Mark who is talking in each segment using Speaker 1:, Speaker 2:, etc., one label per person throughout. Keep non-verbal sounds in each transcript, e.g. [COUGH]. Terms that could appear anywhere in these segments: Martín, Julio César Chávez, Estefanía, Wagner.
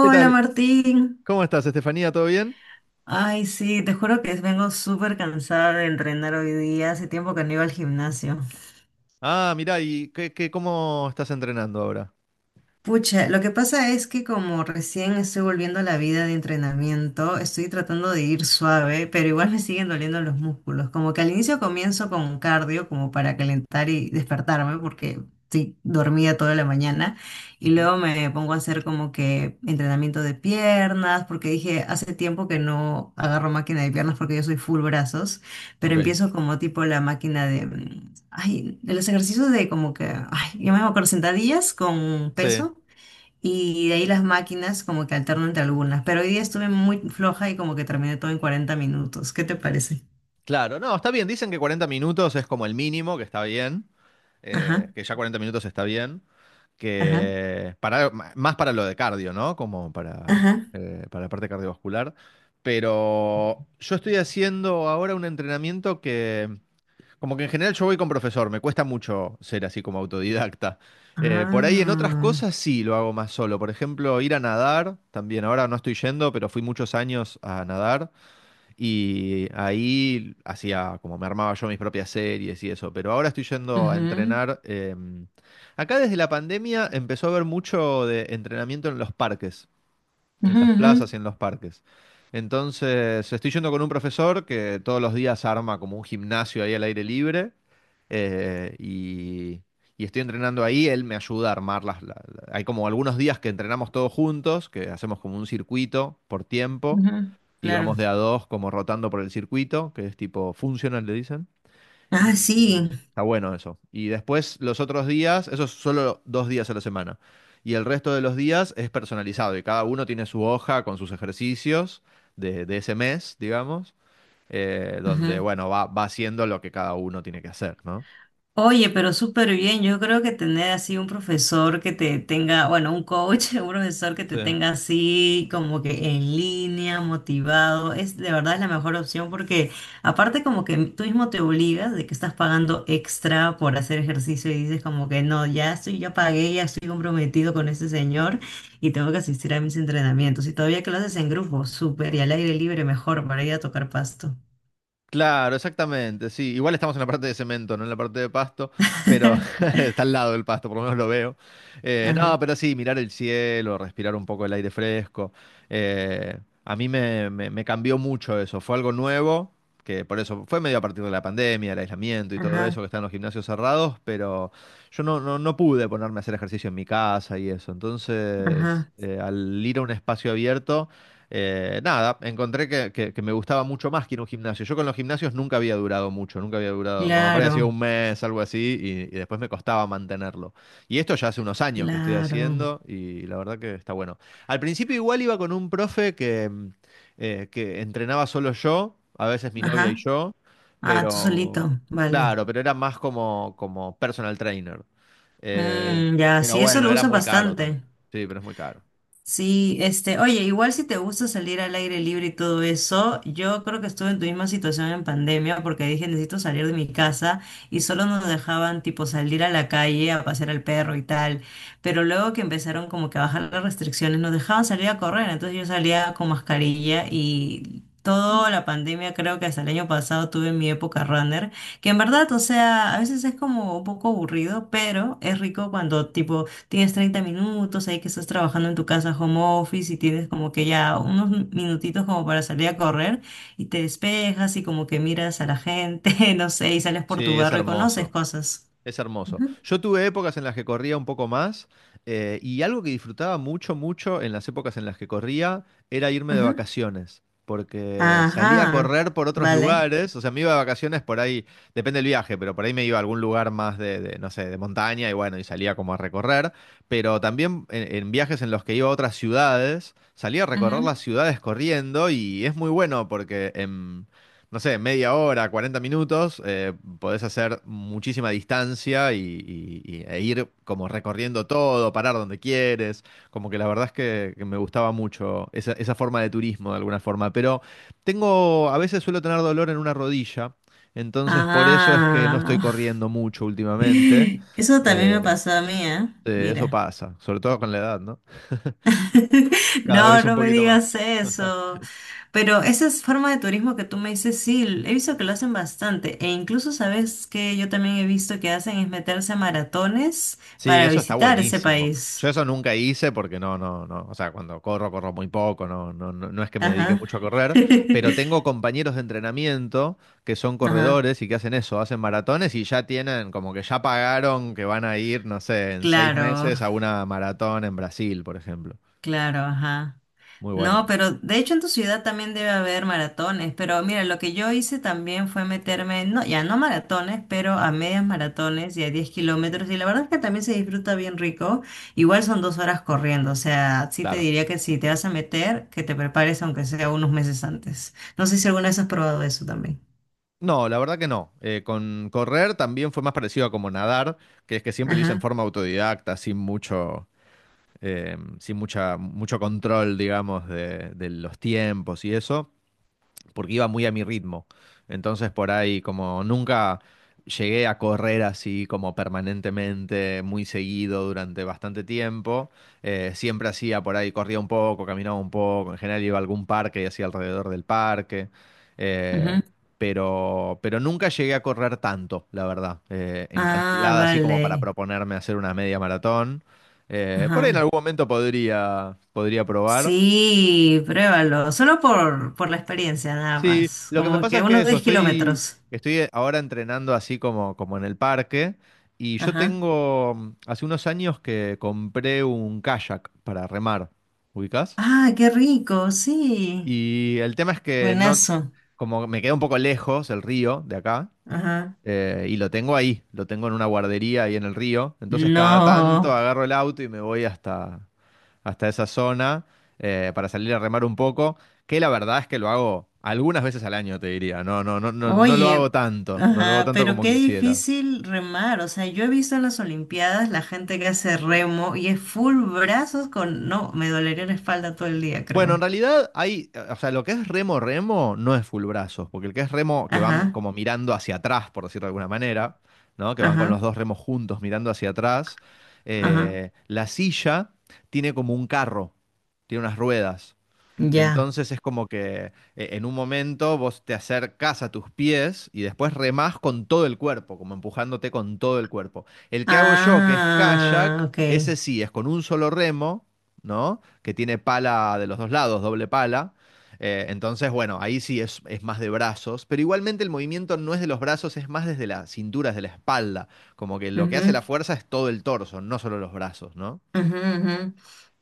Speaker 1: ¿Qué tal?
Speaker 2: Martín.
Speaker 1: ¿Cómo estás, Estefanía? ¿Todo bien?
Speaker 2: Ay, sí, te juro que vengo súper cansada de entrenar hoy día. Hace tiempo que no iba al gimnasio.
Speaker 1: Ah, mirá, ¿y cómo estás entrenando ahora?
Speaker 2: Pucha, lo que pasa es que como recién estoy volviendo a la vida de entrenamiento, estoy tratando de ir suave, pero igual me siguen doliendo los músculos. Como que al inicio comienzo con cardio como para calentar y despertarme, porque sí, dormía toda la mañana, y
Speaker 1: Ujú.
Speaker 2: luego me pongo a hacer como que entrenamiento de piernas, porque dije, hace tiempo que no agarro máquina de piernas porque yo soy full brazos, pero
Speaker 1: Ok.
Speaker 2: empiezo como tipo la máquina de ay, de los ejercicios de como que, ay, yo me acuerdo sentadillas con
Speaker 1: Sí,
Speaker 2: peso y de ahí las máquinas como que alterno entre algunas, pero hoy día estuve muy floja y como que terminé todo en 40 minutos. ¿Qué te parece?
Speaker 1: claro. No, está bien. Dicen que 40 minutos es como el mínimo, que está bien.
Speaker 2: Ajá,
Speaker 1: Que ya 40 minutos está bien.
Speaker 2: ajá,
Speaker 1: Que para, más para lo de cardio, ¿no? Como para,
Speaker 2: ajá.
Speaker 1: eh, para la parte cardiovascular. Pero yo estoy haciendo ahora un entrenamiento que. Como que en general yo voy con profesor, me cuesta mucho ser así como autodidacta. Por ahí en otras
Speaker 2: Ah,
Speaker 1: cosas sí lo hago más solo. Por ejemplo, ir a nadar, también ahora no estoy yendo, pero fui muchos años a nadar y ahí hacía como me armaba yo mis propias series y eso. Pero ahora estoy yendo a
Speaker 2: ujú,
Speaker 1: entrenar. Acá desde la pandemia empezó a haber mucho de entrenamiento en los parques en
Speaker 2: ujú,
Speaker 1: las
Speaker 2: ujú,
Speaker 1: plazas y en los parques. Entonces, estoy yendo con un profesor que todos los días arma como un gimnasio ahí al aire libre eh, y, y estoy entrenando ahí. Él me ayuda a armar hay como algunos días que entrenamos todos juntos, que hacemos como un circuito por tiempo
Speaker 2: ujú,
Speaker 1: y vamos
Speaker 2: claro.
Speaker 1: de a dos como rotando por el circuito, que es tipo funcional, le dicen.
Speaker 2: Ah, sí.
Speaker 1: Está bueno eso. Y después los otros días, eso es solo 2 días a la semana. Y el resto de los días es personalizado y cada uno tiene su hoja con sus ejercicios de ese mes, digamos, donde, bueno, va haciendo lo que cada uno tiene que hacer, ¿no?
Speaker 2: Oye, pero súper bien. Yo creo que tener así un profesor que te tenga, bueno, un coach, [LAUGHS] un profesor que te
Speaker 1: Sí.
Speaker 2: tenga así como que en línea, motivado, es de verdad es la mejor opción porque aparte como que tú mismo te obligas de que estás pagando extra por hacer ejercicio y dices como que no, ya estoy, ya pagué, ya estoy comprometido con este señor y tengo que asistir a mis entrenamientos. Y todavía que lo haces en grupo, súper y al aire libre, mejor para ir a tocar pasto.
Speaker 1: Claro, exactamente, sí. Igual estamos en la parte de cemento, no en la parte de pasto, pero
Speaker 2: [LAUGHS]
Speaker 1: [LAUGHS] está al lado del pasto, por lo menos lo veo. No,
Speaker 2: Ajá,
Speaker 1: pero sí, mirar el cielo, respirar un poco el aire fresco. eh, a mí me cambió mucho eso. Fue algo nuevo, que por eso fue medio a partir de la pandemia, el aislamiento y todo eso,
Speaker 2: ajá,
Speaker 1: que están los gimnasios cerrados, pero yo no pude ponerme a hacer ejercicio en mi casa y eso. Entonces,
Speaker 2: ajá,
Speaker 1: al ir a un espacio abierto, nada, encontré que, que me gustaba mucho más que ir a un gimnasio. Yo con los gimnasios nunca había durado mucho, nunca había durado, como por ahí ha sido
Speaker 2: claro.
Speaker 1: un mes, algo así, y después me costaba mantenerlo. Y esto ya hace unos años que estoy
Speaker 2: Claro.
Speaker 1: haciendo y la verdad que está bueno. Al principio igual iba con un profe que entrenaba solo yo, a veces mi novia y
Speaker 2: Ajá.
Speaker 1: yo,
Speaker 2: Ah, tú
Speaker 1: pero
Speaker 2: solito. Vale.
Speaker 1: claro, pero era más como personal trainer. Eh,
Speaker 2: Mm, ya,
Speaker 1: pero
Speaker 2: sí, eso
Speaker 1: bueno,
Speaker 2: lo
Speaker 1: era
Speaker 2: usan
Speaker 1: muy caro también.
Speaker 2: bastante.
Speaker 1: Sí, pero es muy caro.
Speaker 2: Sí, este, oye, igual si te gusta salir al aire libre y todo eso, yo creo que estuve en tu misma situación en pandemia porque dije necesito salir de mi casa y solo nos dejaban tipo salir a la calle a pasear al perro y tal, pero luego que empezaron como que a bajar las restricciones nos dejaban salir a correr, entonces yo salía con mascarilla y toda la pandemia creo que hasta el año pasado tuve mi época runner, que en verdad, o sea, a veces es como un poco aburrido, pero es rico cuando tipo tienes 30 minutos, ahí que estás trabajando en tu casa home office y tienes como que ya unos minutitos como para salir a correr y te despejas y como que miras a la gente, [LAUGHS] no sé, y sales por tu
Speaker 1: Sí, es
Speaker 2: barrio y conoces
Speaker 1: hermoso.
Speaker 2: cosas.
Speaker 1: Es hermoso.
Speaker 2: Ujú,
Speaker 1: Yo tuve épocas en las que corría un poco más, y algo que disfrutaba mucho, mucho en las épocas en las que corría era irme de
Speaker 2: ujú.
Speaker 1: vacaciones, porque salía a
Speaker 2: Ajá,
Speaker 1: correr por otros
Speaker 2: vale.
Speaker 1: lugares, o sea, me iba de vacaciones por ahí, depende del viaje, pero por ahí me iba a algún lugar más no sé, de montaña y bueno, y salía como a recorrer, pero también en viajes en los que iba a otras ciudades, salía a recorrer
Speaker 2: Ujú.
Speaker 1: las ciudades corriendo y es muy bueno porque, no sé, media hora, 40 minutos, podés hacer muchísima distancia y, e ir como recorriendo todo, parar donde quieres. Como que la verdad es que, me gustaba mucho esa forma de turismo de alguna forma. Pero a veces suelo tener dolor en una rodilla, entonces por eso es que no estoy
Speaker 2: Ah,
Speaker 1: corriendo mucho últimamente. Mm.
Speaker 2: [LAUGHS] eso también me pasó a mí, ¿eh?
Speaker 1: Eso
Speaker 2: Mira.
Speaker 1: pasa, sobre todo con la edad, ¿no?
Speaker 2: [LAUGHS]
Speaker 1: Cada
Speaker 2: No,
Speaker 1: vez un
Speaker 2: no me
Speaker 1: poquito
Speaker 2: digas
Speaker 1: más.
Speaker 2: eso. Pero esa es forma de turismo que tú me dices, sí, he visto que lo hacen bastante. E incluso sabes que yo también he visto que hacen es meterse a maratones
Speaker 1: Sí,
Speaker 2: para
Speaker 1: eso está
Speaker 2: visitar ese
Speaker 1: buenísimo. Yo
Speaker 2: país.
Speaker 1: eso nunca hice porque no, no, no, o sea, cuando corro, corro muy poco, no es que me dedique
Speaker 2: Ajá.
Speaker 1: mucho a correr, pero
Speaker 2: [LAUGHS]
Speaker 1: tengo compañeros de entrenamiento que son
Speaker 2: Ajá.
Speaker 1: corredores y que hacen eso, hacen maratones y ya tienen, como que ya pagaron que van a ir, no sé, en seis
Speaker 2: Claro,
Speaker 1: meses a una maratón en Brasil, por ejemplo.
Speaker 2: claro, ajá.
Speaker 1: Muy
Speaker 2: No,
Speaker 1: buenos,
Speaker 2: pero de hecho en tu ciudad también debe haber maratones, pero mira, lo que yo hice también fue meterme, no, ya no maratones, pero a medias maratones y a 10 kilómetros, y la verdad es que también se disfruta bien rico, igual son 2 horas corriendo, o sea, sí te
Speaker 1: claro.
Speaker 2: diría que si te vas a meter, que te prepares aunque sea unos meses antes. No sé si alguna vez has probado eso también.
Speaker 1: No, la verdad que no. Con correr también fue más parecido a como nadar, que es que siempre lo hice en
Speaker 2: Ajá,
Speaker 1: forma autodidacta, sin mucho sin mucha, mucho control, digamos, de los tiempos y eso porque iba muy a mi ritmo. Entonces por ahí como nunca llegué a correr así como permanentemente, muy seguido durante bastante tiempo. Siempre hacía por ahí, corría un poco, caminaba un poco, en general iba a algún parque y hacía alrededor del parque. eh,
Speaker 2: ajá.
Speaker 1: pero nunca llegué a correr tanto, la verdad, en
Speaker 2: Ah,
Speaker 1: cantidad así como para
Speaker 2: vale.
Speaker 1: proponerme hacer una media maratón. Por ahí en
Speaker 2: Ajá.
Speaker 1: algún momento podría probar.
Speaker 2: Sí, pruébalo, solo por la experiencia nada
Speaker 1: Sí,
Speaker 2: más,
Speaker 1: lo que me
Speaker 2: como
Speaker 1: pasa
Speaker 2: que
Speaker 1: es que
Speaker 2: unos
Speaker 1: eso,
Speaker 2: 10 kilómetros.
Speaker 1: estoy ahora entrenando así como en el parque y yo
Speaker 2: Ajá.
Speaker 1: tengo, hace unos años que compré un kayak para remar, ¿ubicás?
Speaker 2: Ah, qué rico, sí.
Speaker 1: Y el tema es que no,
Speaker 2: Buenazo.
Speaker 1: como me queda un poco lejos el río de acá,
Speaker 2: Ajá.
Speaker 1: y lo tengo ahí, lo tengo en una guardería ahí en el río, entonces cada tanto
Speaker 2: No.
Speaker 1: agarro el auto y me voy hasta esa zona, para salir a remar un poco, que la verdad es que lo hago algunas veces al año, te diría. No lo hago
Speaker 2: Oye,
Speaker 1: tanto, no lo hago
Speaker 2: ajá,
Speaker 1: tanto
Speaker 2: pero
Speaker 1: como
Speaker 2: qué
Speaker 1: quisiera.
Speaker 2: difícil remar. O sea, yo he visto en las Olimpiadas la gente que hace remo y es full brazos con... No, me dolería la espalda todo el día,
Speaker 1: Bueno, en
Speaker 2: creo.
Speaker 1: realidad o sea, lo que es remo remo no es full brazos, porque el que es remo que van
Speaker 2: Ajá,
Speaker 1: como mirando hacia atrás, por decirlo de alguna manera, ¿no? Que van con los
Speaker 2: ajá,
Speaker 1: dos remos juntos mirando hacia atrás.
Speaker 2: ajá.
Speaker 1: La silla tiene como un carro, tiene unas ruedas.
Speaker 2: Ya.
Speaker 1: Entonces es como que en un momento vos te acercás a tus pies y después remás con todo el cuerpo, como empujándote con todo el cuerpo. El que hago yo, que es
Speaker 2: Ah,
Speaker 1: kayak,
Speaker 2: ok.
Speaker 1: ese sí, es con un solo remo, ¿no? Que tiene pala de los dos lados, doble pala. Entonces, bueno, ahí sí es más de brazos, pero igualmente el movimiento no es de los brazos, es más desde la cintura, desde la espalda. Como que lo que hace la fuerza es todo el torso, no solo los brazos, ¿no?
Speaker 2: Ujú, ujú.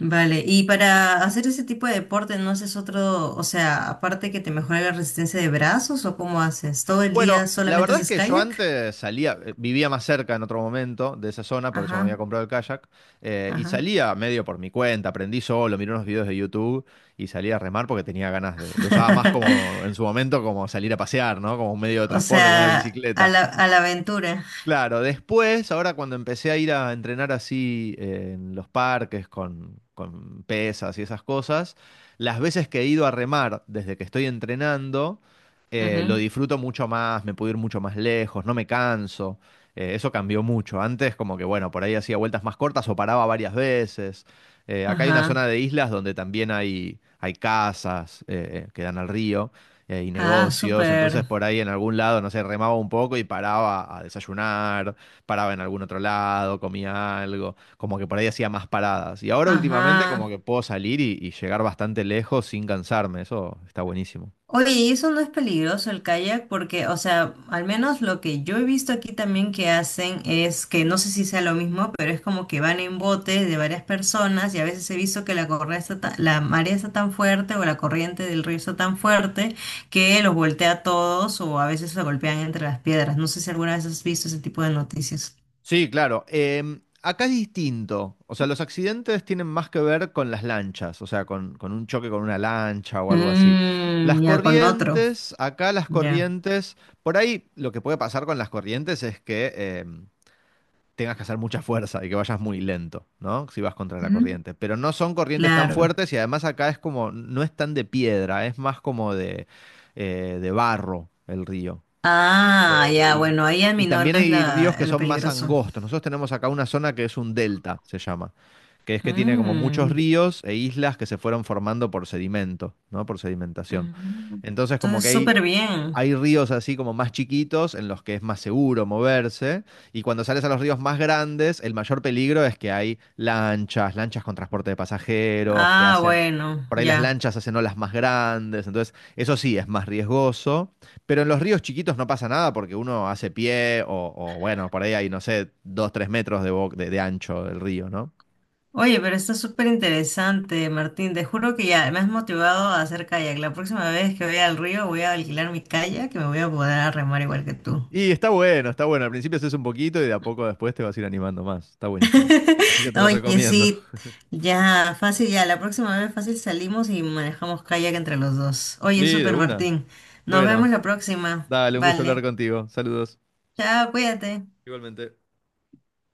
Speaker 2: Vale, y para hacer ese tipo de deporte, ¿no haces otro, o sea, aparte que te mejora la resistencia de brazos o cómo haces? ¿Todo el día
Speaker 1: Bueno, la
Speaker 2: solamente
Speaker 1: verdad es
Speaker 2: haces
Speaker 1: que yo
Speaker 2: kayak?
Speaker 1: antes vivía más cerca en otro momento de esa zona, por eso me había
Speaker 2: Ajá,
Speaker 1: comprado el kayak, y
Speaker 2: ajá.
Speaker 1: salía medio por mi cuenta, aprendí solo, miré unos videos de YouTube y salía a remar porque tenía ganas de, lo usaba más como
Speaker 2: [LAUGHS]
Speaker 1: en su momento como salir a pasear, ¿no? Como un medio de
Speaker 2: O
Speaker 1: transporte, como una
Speaker 2: sea,
Speaker 1: bicicleta.
Speaker 2: a la aventura.
Speaker 1: Claro, después, ahora cuando empecé a ir a entrenar así en los parques con pesas y esas cosas, las veces que he ido a remar desde que estoy entrenando, lo
Speaker 2: Ujú,
Speaker 1: disfruto mucho más, me puedo ir mucho más lejos, no me canso. Eso cambió mucho. Antes como que, bueno, por ahí hacía vueltas más cortas o paraba varias veces. Acá hay una
Speaker 2: ajá.
Speaker 1: zona de islas donde también hay casas que dan al río y
Speaker 2: Ah,
Speaker 1: negocios.
Speaker 2: súper.
Speaker 1: Entonces por ahí en algún lado, no sé, remaba un poco y paraba a desayunar, paraba en algún otro lado, comía algo, como que por ahí hacía más paradas. Y ahora últimamente como
Speaker 2: Ajá.
Speaker 1: que puedo salir y llegar bastante lejos sin cansarme, eso está buenísimo.
Speaker 2: Oye, ¿y eso no es peligroso el kayak? Porque, o sea, al menos lo que yo he visto aquí también que hacen es que no sé si sea lo mismo, pero es como que van en botes de varias personas y a veces he visto que la marea está tan fuerte o la corriente del río está tan fuerte que los voltea a todos o a veces se golpean entre las piedras. No sé si alguna vez has visto ese tipo de noticias.
Speaker 1: Sí, claro. Acá es distinto. O sea, los accidentes tienen más que ver con las lanchas, o sea, con un choque con una lancha o algo así.
Speaker 2: Mm, ya con otro,
Speaker 1: Acá las
Speaker 2: ya.
Speaker 1: corrientes, por ahí lo que puede pasar con las corrientes es que em, tengas que hacer mucha fuerza y que vayas muy lento, ¿no? Si vas contra la
Speaker 2: Ujú,
Speaker 1: corriente. Pero no son corrientes tan
Speaker 2: claro.
Speaker 1: fuertes y además acá es como, no es tan de piedra, es más como de barro el río.
Speaker 2: Ah,
Speaker 1: Eh,
Speaker 2: ya,
Speaker 1: y,
Speaker 2: bueno, ahí
Speaker 1: y también
Speaker 2: aminoras
Speaker 1: hay
Speaker 2: la,
Speaker 1: ríos que
Speaker 2: el
Speaker 1: son más
Speaker 2: peligroso.
Speaker 1: angostos. Nosotros tenemos acá una zona que es un delta, se llama, que es que tiene como muchos
Speaker 2: Mm,
Speaker 1: ríos e islas que se fueron formando por sedimento, ¿no? Por sedimentación.
Speaker 2: ujú.
Speaker 1: Entonces como que
Speaker 2: Entonces,
Speaker 1: hay
Speaker 2: súper bien.
Speaker 1: hay ríos así como más chiquitos en los que es más seguro moverse y cuando sales a los ríos más grandes, el mayor peligro es que hay lanchas, lanchas con transporte de pasajeros, que
Speaker 2: Ah,
Speaker 1: hacen,
Speaker 2: bueno,
Speaker 1: por ahí las
Speaker 2: ya.
Speaker 1: lanchas hacen olas más grandes, entonces eso sí es más riesgoso, pero en los ríos chiquitos no pasa nada porque uno hace pie o bueno, por ahí hay, no sé, 2, 3 metros de ancho del río, ¿no?
Speaker 2: Oye, pero está súper interesante, Martín. Te juro que ya me has motivado a hacer kayak. La próxima vez que vaya al río voy a alquilar mi kayak que me voy a poder a remar igual que tú.
Speaker 1: Y está bueno, está bueno. Al principio haces un poquito y de a poco después te vas a ir animando más. Está buenísimo.
Speaker 2: [LAUGHS]
Speaker 1: Así que te lo
Speaker 2: Oye,
Speaker 1: recomiendo.
Speaker 2: sí, ya, fácil, ya. La próxima vez fácil salimos y manejamos kayak entre los dos.
Speaker 1: Sí,
Speaker 2: Oye,
Speaker 1: de
Speaker 2: súper,
Speaker 1: una.
Speaker 2: Martín. Nos vemos
Speaker 1: Bueno,
Speaker 2: la próxima.
Speaker 1: dale, un gusto hablar
Speaker 2: Vale.
Speaker 1: contigo. Saludos.
Speaker 2: Chao, cuídate.
Speaker 1: Igualmente.